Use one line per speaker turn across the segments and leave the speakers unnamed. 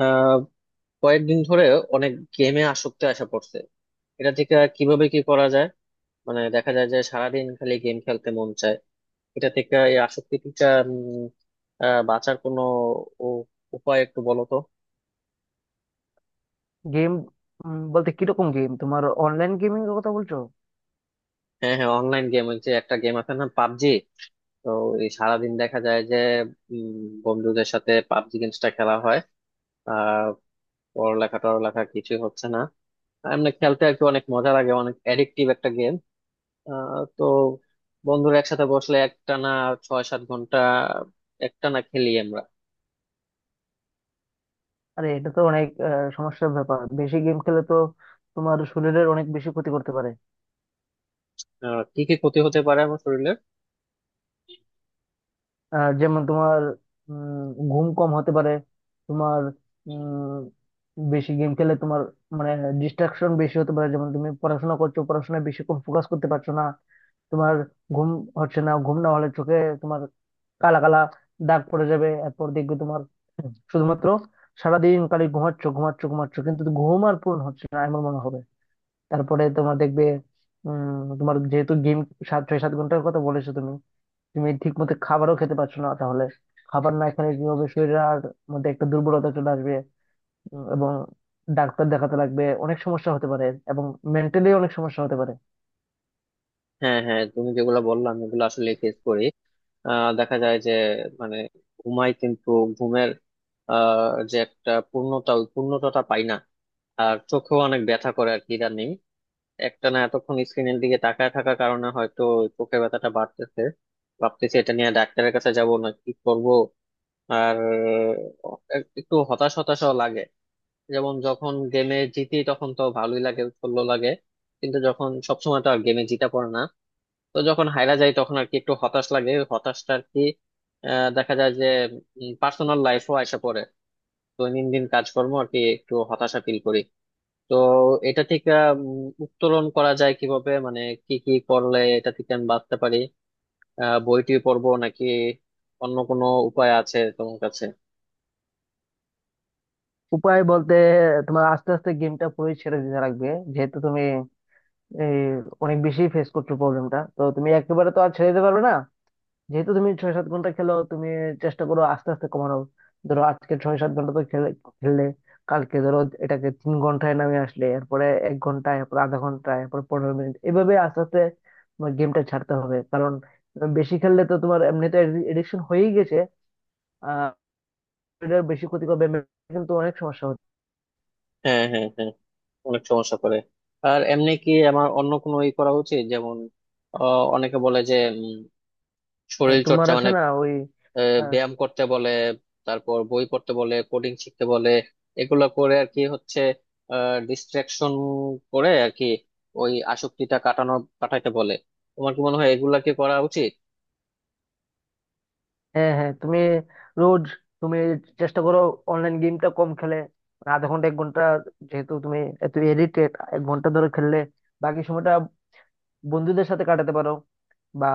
আহ কয়েকদিন ধরে অনেক গেমে আসক্তি আসা পড়ছে। এটা থেকে কিভাবে কি করা যায়? মানে দেখা যায় যে সারাদিন খালি গেম খেলতে মন চায়। এটা থেকে এই আসক্তিটা উম, বাঁচার কোনো উ- উপায় একটু বলো তো।
গেম বলতে কিরকম গেম? তোমার অনলাইন গেমিং এর কথা বলছো?
হ্যাঁ, হ্যাঁ, অনলাইন গেম, ওই যে একটা গেম আছে না, পাবজি। তো এই সারাদিন দেখা যায় যে উম, বন্ধুদের সাথে পাবজি গেমসটা খেলা হয়, আর পড়ালেখা টড়ালেখা কিছুই হচ্ছে না। এমনি খেলতে আর কি অনেক মজা লাগে, অনেক অ্যাডিকটিভ একটা গেম। তো বন্ধুরা একসাথে বসলে একটানা 6-7 ঘন্টা একটানা খেলি আমরা।
আরে, এটা তো অনেক সমস্যার ব্যাপার। বেশি গেম খেলে তো তোমার শরীরের অনেক বেশি ক্ষতি করতে পারে।
কি কি ক্ষতি হতে পারে আমার শরীরের?
যেমন তোমার উম, ঘুম কম হতে পারে। তোমার বেশি গেম খেলে তোমার মানে ডিস্ট্রাকশন বেশি হতে পারে। যেমন, তুমি পড়াশোনা করছো, পড়াশোনায় বেশি কম ফোকাস করতে পারছো না। তোমার ঘুম হচ্ছে না। ঘুম না হলে চোখে তোমার কালা কালা দাগ পড়ে যাবে। এরপর দেখবে তোমার শুধুমাত্র সারাদিন খালি ঘুমাচ্ছ ঘুমাচ্ছ ঘুমাচ্ছ, কিন্তু ঘুম আর পূর্ণ হচ্ছে না এমন মনে হবে। তারপরে তোমার দেখবে, তোমার যেহেতু গেম 6-7 ঘন্টার কথা বলেছো তুমি, তুমি ঠিক মতো খাবারও খেতে পারছো না তাহলে। খাবার না খেলে কি হবে, শরীরের আর মধ্যে একটা দুর্বলতা চলে আসবে। এবং ডাক্তার দেখাতে লাগবে, অনেক সমস্যা হতে পারে। এবং মেন্টালি অনেক সমস্যা হতে পারে।
হ্যাঁ, হ্যাঁ, তুমি যেগুলো বললাম এগুলো আসলে ফেস করি। দেখা যায় যে মানে ঘুমাই কিন্তু ঘুমের আহ, যে একটা পূর্ণতা, ওই পূর্ণতাটা পাই না। আর চোখেও অনেক ব্যথা করে আর কি ইদানিং, একটানা এতক্ষণ স্ক্রিনের দিকে তাকায় থাকার কারণে হয়তো চোখের ব্যথাটা বাড়তেছে। ভাবতেছি এটা নিয়ে ডাক্তারের কাছে যাব না কি করব। আর একটু হতাশ হতাশও লাগে। যেমন যখন গেমে জিতি তখন তো ভালোই লাগে, উৎফুল্ল লাগে। কিন্তু যখন সবসময় তো আর গেমে জিতা পড়ে না, তো যখন হাইরা যায় তখন আর কি একটু হতাশ লাগে, ওই হতাশটা আর কি। দেখা যায় যে পার্সোনাল লাইফও আসা পড়ে, দৈনন্দিন কাজকর্ম আর কি, একটু হতাশা ফিল করি। তো এটা থেকে উত্তোলন করা যায় কিভাবে, মানে কি কি করলে এটা থেকে আমি বাঁচতে পারি? বইটি পড়বো নাকি অন্য কোনো উপায় আছে তোমার কাছে?
উপায় বলতে, তোমার আস্তে আস্তে গেমটা পুরোই ছেড়ে দিতে লাগবে। যেহেতু তুমি এই অনেক বেশি ফেস করছো প্রবলেমটা, তো তুমি একেবারে তো আর ছেড়ে দিতে পারবে না। যেহেতু তুমি 6-7 ঘন্টা খেলো, তুমি চেষ্টা করো আস্তে আস্তে কমানো। ধরো, আজকে 6-7 ঘন্টা তো খেলে খেললে, কালকে ধরো এটাকে 3 ঘন্টায় নামিয়ে আসলে, এরপরে 1 ঘন্টায়, এরপর আধা ঘন্টায়, এরপর 15 মিনিট, এভাবে আস্তে আস্তে তোমার গেমটা ছাড়তে হবে। কারণ বেশি খেললে তো তোমার এমনিতে এডিকশন হয়েই গেছে। আহ এটার বেশি ক্ষতি করবে, কিন্তু অনেক সমস্যা হচ্ছে।
হ্যাঁ, হ্যাঁ, হ্যাঁ, অনেক সমস্যা করে। আর এমনি কি আমার অন্য কোনো ই করা উচিত, যেমন অনেকে বলে যে উম, শরীর
তোমার
চর্চা
আছে
মানে
না ওই।
ব্যায়াম করতে বলে, তারপর বই পড়তে বলে, কোডিং শিখতে বলে। এগুলো করে আর কি হচ্ছে ডিস্ট্রাকশন, করে আর কি ওই আসক্তিটা কাটানো, কাটাইতে বলে। তোমার কি মনে হয় এগুলা কি করা উচিত?
হ্যাঁ, হ্যাঁ, তুমি রোজ তুমি চেষ্টা করো অনলাইন গেমটা কম খেলে, মানে আধা ঘন্টা 1 ঘন্টা। যেহেতু তুমি এত এডিক্টেড, 1 ঘন্টা ধরে খেললে বাকি সময়টা বন্ধুদের সাথে কাটাতে পারো, বা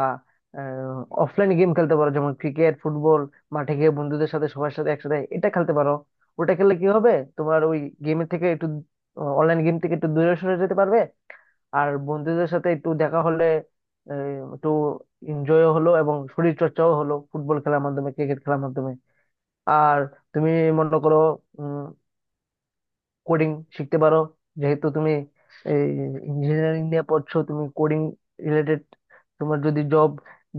অফলাইন গেম খেলতে পারো, যেমন ক্রিকেট ফুটবল। মাঠে গিয়ে বন্ধুদের সাথে সবার সাথে একসাথে এটা খেলতে পারো। ওটা খেললে কি হবে, তোমার ওই গেমের থেকে একটু অনলাইন গেম থেকে একটু দূরে সরে যেতে পারবে। আর বন্ধুদের সাথে একটু দেখা হলে একটু এনজয়ও হলো, এবং শরীর চর্চাও হলো ফুটবল খেলার মাধ্যমে, ক্রিকেট খেলার মাধ্যমে। আর তুমি মনে করো কোডিং শিখতে পারো। যেহেতু তুমি এই ইঞ্জিনিয়ারিং নিয়ে পড়ছো, তুমি কোডিং রিলেটেড তোমার যদি জব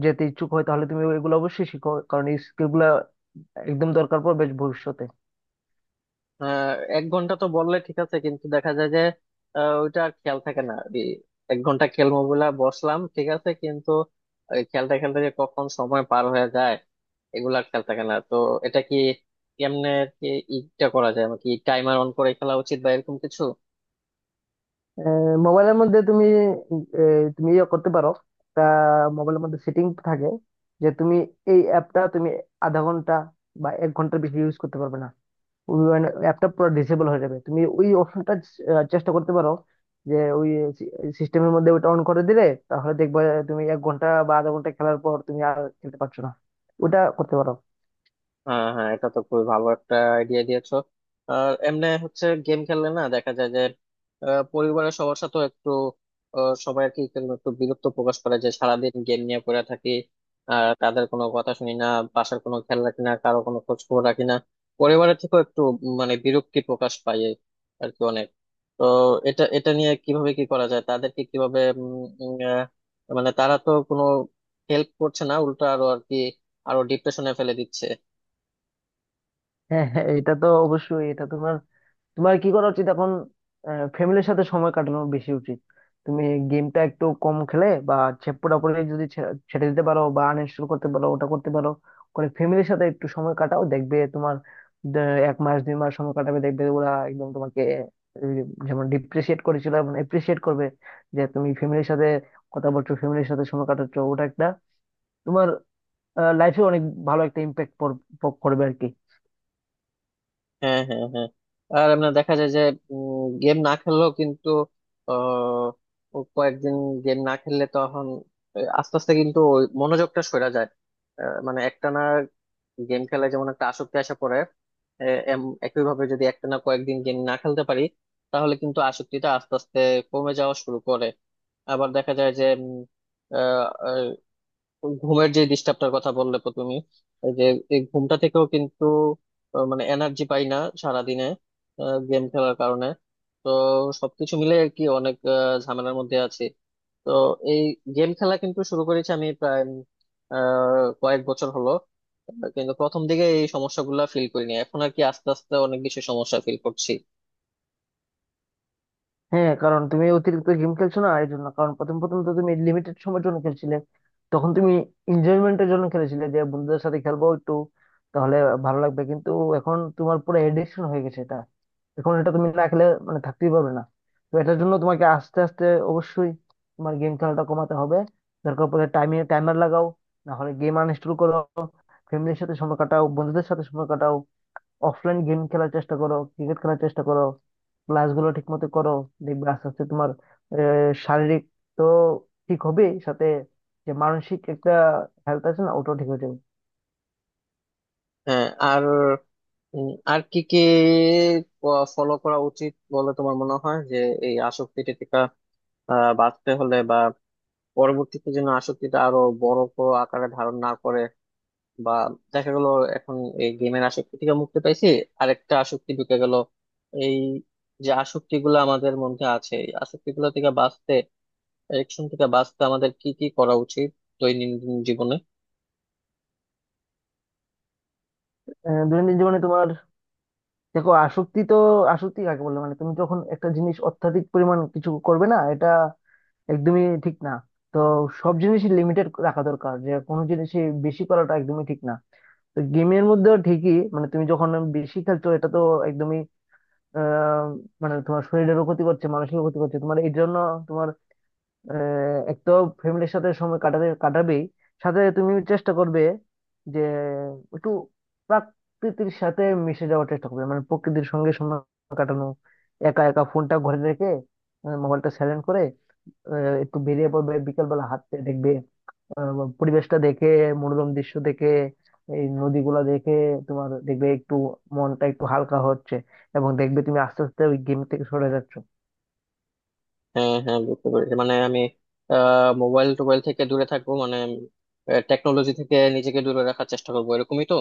যেতে ইচ্ছুক হয়, তাহলে তুমি এগুলো অবশ্যই শিখো, কারণ এই স্কিল গুলা একদম দরকার পড়বে ভবিষ্যতে।
আহ, 1 ঘন্টা তো বললে ঠিক আছে, কিন্তু দেখা যায় যে ওইটা আর খেয়াল থাকে না। এই 1 ঘন্টা খেলবো বলে বসলাম ঠিক আছে, কিন্তু এই খেলতে খেলতে যে কখন সময় পার হয়ে যায় এগুলা আর খেয়াল থাকে না। তো এটা কি কেমনে আর কি ইটা করা যায়, মানে কি টাইমার অন করে খেলা উচিত বা এরকম কিছু?
মোবাইলের মধ্যে তুমি তুমি ইয়ে করতে পারো। তা মোবাইলের মধ্যে সেটিং থাকে, যে তুমি এই অ্যাপটা তুমি আধা ঘন্টা বা 1 ঘন্টার বেশি ইউজ করতে পারবে না। ওই অ্যাপটা পুরো ডিসেবল হয়ে যাবে, তুমি ওই অপশনটা চেষ্টা করতে পারো, যে ওই সিস্টেমের মধ্যে ওটা অন করে দিলে, তাহলে দেখবে তুমি 1 ঘন্টা বা আধা ঘন্টা খেলার পর তুমি আর খেলতে পারছো না। ওটা করতে পারো।
হ্যাঁ, হ্যাঁ, এটা তো খুবই ভালো একটা আইডিয়া দিয়েছো। আর এমনি হচ্ছে গেম খেললে না দেখা যায় যে পরিবারের সবার সাথে একটু সবাই আর কি কেমন একটু বিরক্ত প্রকাশ করে যে সারাদিন গেম নিয়ে পড়ে থাকি আর তাদের কোনো কথা শুনি না, বাসার কোনো খেয়াল রাখি না, কারো কোনো খোঁজ খবর রাখি না। পরিবারের থেকেও একটু মানে বিরক্তি প্রকাশ পাই, এই আর কি অনেক। তো এটা এটা নিয়ে কিভাবে কি করা যায়, তাদেরকে কিভাবে উম, উম, আহ, মানে তারা তো কোনো হেল্প করছে না, উল্টো আরো আর কি আরো ডিপ্রেশনে ফেলে দিচ্ছে।
হ্যাঁ, হ্যাঁ, এটা তো অবশ্যই, এটা তোমার তোমার কি করা উচিত এখন, ফ্যামিলির সাথে সময় কাটানো বেশি উচিত। তুমি গেমটা একটু কম খেলে, বা হচ্ছে পুরোপুরি যদি ছেড়ে দিতে পারো, বা আনইনস্টল করতে পারো, ওটা করতে পারো। করে ফ্যামিলির সাথে একটু সময় কাটাও, দেখবে তোমার দে- 1 মাস 2 মাস সময় কাটাবে, দেখবে ওরা একদম তোমাকে এই, যেমন ডিপ্রিসিয়েট করেছিল এবং এপ্রিসিয়েট করবে, যে তুমি ফ্যামিলির সাথে কথা বলছো, ফ্যামিলির সাথে সময় কাটাচ্ছ, ওটা একটা তোমার লাইফে অনেক ভালো একটা ইম্প্যাক্ট করবে আর কি।
হ্যাঁ, হ্যাঁ, হ্যাঁ, আর এমনি দেখা যায় যে গেম না খেললেও কিন্তু আহ, ও কয়েকদিন গেম না খেললে তখন আস্তে আস্তে কিন্তু ওই মনোযোগটা সরে যায়। মানে একটানা গেম খেলায় যেমন একটা আসক্তি আসা পড়ে, একইভাবে যদি একটানা কয়েকদিন গেম না খেলতে পারি তাহলে কিন্তু আসক্তিটা আস্তে আস্তে কমে যাওয়া শুরু করে। আবার দেখা যায় যে ঘুমের যে ডিস্টার্বটার কথা বললে তো তুমি, এই যে এই ঘুমটা থেকেও কিন্তু মানে এনার্জি পাই না সারাদিনে গেম খেলার কারণে। তো সবকিছু মিলে আর কি অনেক ঝামেলার মধ্যে আছি। তো এই গেম খেলা কিন্তু শুরু করেছি আমি প্রায় উম, আহ কয়েক বছর হলো, কিন্তু প্রথম দিকে এই সমস্যাগুলো ফিল করিনি, এখন আর কি আস্তে আস্তে অনেক বেশি সমস্যা ফিল করছি।
হ্যাঁ, কারণ তুমি অতিরিক্ত গেম খেলছো না এই জন্য। কারণ প্রথম প্রথম তো তুমি লিমিটেড সময়ের জন্য খেলছিলে। তখন তুমি এনজয়মেন্টের জন্য খেলেছিলে, যে বন্ধুদের সাথে খেলবো একটু, তাহলে ভালো লাগবে। কিন্তু এখন তোমার পুরো এডিকশন হয়ে গেছে এটা। এখন এটা তুমি না খেলে মানে থাকতেই পারবে না। তো এটার জন্য তোমাকে আস্তে আস্তে অবশ্যই তোমার গেম খেলাটা কমাতে হবে। দরকার পড়লে টাইমে টাইমার লাগাও। না হলে গেম আনইনস্টল করো। ফ্যামিলির সাথে সময় কাটাও, বন্ধুদের সাথে সময় কাটাও। অফলাইন গেম খেলার চেষ্টা করো, ক্রিকেট খেলার চেষ্টা করো। ক্লাস গুলো ঠিক মতো করো। দেখবে আস্তে আস্তে তোমার শারীরিক তো ঠিক হবে, সাথে যে মানসিক একটা হেলথ আছে না, ওটাও ঠিক হয়ে যাবে।
হ্যাঁ, আর আর কি কি ফলো করা উচিত বলে তোমার মনে হয় যে এই আসক্তি বাঁচতে হলে, বা পরবর্তীতে যেন আসক্তিটা আরো বড় বড় আকারে ধারণ না করে, বা দেখা গেল এখন এই গেমের আসক্তি থেকে মুক্তি পাইছি, আরেকটা আসক্তি ঢুকে গেল। এই যে আসক্তি গুলো আমাদের মধ্যে আছে এই আসক্তি গুলো থেকে বাঁচতে, এডিকশন থেকে বাঁচতে আমাদের কি কি করা উচিত দৈনন্দিন জীবনে?
দৈনন্দিন জীবনে তোমার, দেখো আসক্তি তো, আসক্তি কাকে বলে মানে তুমি যখন একটা জিনিস অত্যাধিক পরিমাণ কিছু করবে না, এটা একদমই ঠিক না। তো সব জিনিসই লিমিটেড রাখা দরকার, যে কোনো জিনিসই বেশি করাটা একদমই ঠিক না। তো গেমের মধ্যেও ঠিকই, মানে তুমি যখন বেশি খেলছো এটা তো আহ মানে তোমার শরীরেরও ক্ষতি করছে, মানসিকও ক্ষতি করছে, তোমার এই জন্য তোমার এক তো ফ্যামিলির সাথে সময় কাটাতে কাটাবেই। সাথে তুমি চেষ্টা করবে যে একটু প্রকৃতির সাথে মিশে যাওয়ার চেষ্টা করবে, মানে প্রকৃতির সঙ্গে সময় কাটানো। একা একা ফোনটা ঘরে রেখে, মোবাইলটা সাইলেন্ট করে আহ, একটু বেরিয়ে পড়বে বিকেল বেলা হাঁটতে, দেখবে আহ, পরিবেশটা দেখে, মনোরম দৃশ্য দেখে, এই নদীগুলা দেখে, তোমার দেখবে একটু মনটা একটু হালকা হচ্ছে, এবং দেখবে তুমি আস্তে আস্তে ওই গেম থেকে সরে যাচ্ছ।
হ্যাঁ, হ্যাঁ, বুঝতে পেরেছি, মানে আমি মোবাইল টোবাইল থেকে দূরে থাকবো, মানে টেকনোলজি থেকে নিজেকে দূরে রাখার চেষ্টা করবো, এরকমই তো?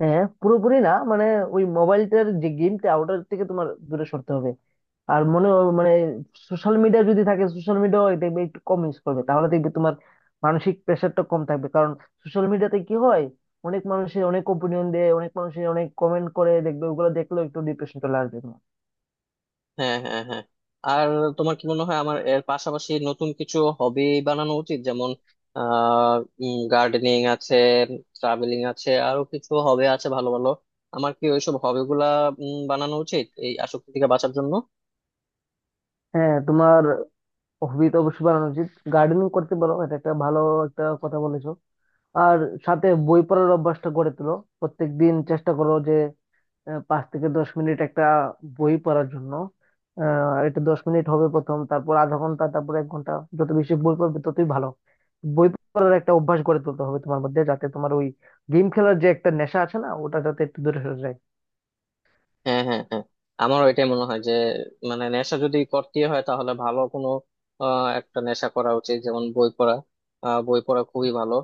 হ্যাঁ, পুরোপুরি না, মানে ওই মোবাইলটার যে গেমটা, ওটার থেকে তোমার দূরে সরতে হবে। আর মনে মানে সোশ্যাল মিডিয়া যদি থাকে, সোশ্যাল মিডিয়া দেখবে একটু কম ইউজ করবে, তাহলে দেখবে তোমার মানসিক প্রেশারটা কম থাকবে। কারণ সোশ্যাল মিডিয়াতে কি হয়, অনেক মানুষের অনেক ওপিনিয়ন দেয়, অনেক মানুষের অনেক কমেন্ট করে, দেখবে ওগুলো দেখলেও একটু ডিপ্রেশন চলে আসবে তোমার।
হ্যাঁ, হ্যাঁ, হ্যাঁ, আর তোমার কি মনে হয় আমার এর পাশাপাশি নতুন কিছু হবি বানানো উচিত, যেমন আহ গার্ডেনিং আছে, ট্রাভেলিং আছে, আরো কিছু হবি আছে ভালো ভালো। আমার কি ওইসব হবি গুলা বানানো উচিত এই আসক্তি থেকে বাঁচার জন্য?
হ্যাঁ, তোমার হবি তো অবশ্যই বানানো উচিত। গার্ডেনিং করতে পারো, এটা একটা ভালো, একটা কথা বলেছো। আর সাথে বই পড়ার অভ্যাসটা গড়ে তোলো। প্রত্যেকদিন চেষ্টা করো যে 5-10 মিনিট একটা বই পড়ার জন্য। এটা 10 মিনিট হবে প্রথম, তারপর আধা ঘন্টা, তারপর 1 ঘন্টা। যত বেশি বই পড়বে ততই ভালো। বই পড়ার একটা অভ্যাস গড়ে তুলতে হবে তোমার মধ্যে, যাতে তোমার ওই গেম খেলার যে একটা নেশা আছে না, ওটা যাতে একটু দূরে সরে যায়।
হ্যাঁ, হ্যাঁ, হ্যাঁ, আমারও এটাই মনে হয় যে মানে নেশা যদি করতে হয় তাহলে ভালো কোনো একটা নেশা করা উচিত, যেমন বই পড়া। বই পড়া খুবই ভালো।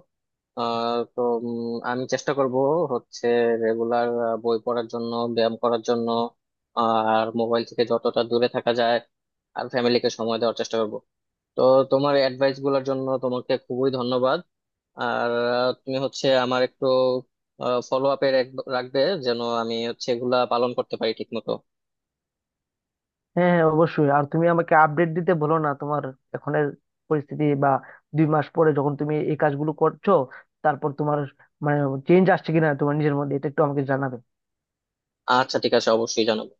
তো আমি চেষ্টা করব হচ্ছে রেগুলার বই পড়ার জন্য, ব্যায়াম করার জন্য, আর মোবাইল থেকে যতটা দূরে থাকা যায়, আর ফ্যামিলিকে সময় দেওয়ার চেষ্টা করব। তো তোমার অ্যাডভাইস গুলোর জন্য তোমাকে খুবই ধন্যবাদ। আর তুমি হচ্ছে আমার একটু ফলো আপে রাখবে যেন আমি হচ্ছে এগুলা পালন করতে পারি ঠিক মতো।
হ্যাঁ, অবশ্যই, আর তুমি আমাকে আপডেট দিতে বলো না, তোমার এখনের পরিস্থিতি বা 2 মাস পরে যখন তুমি এই কাজগুলো করছো, তারপর তোমার মানে চেঞ্জ আসছে কিনা তোমার নিজের মধ্যে, এটা একটু আমাকে জানাবে।
আচ্ছা, ঠিক আছে, অবশ্যই জানাবো।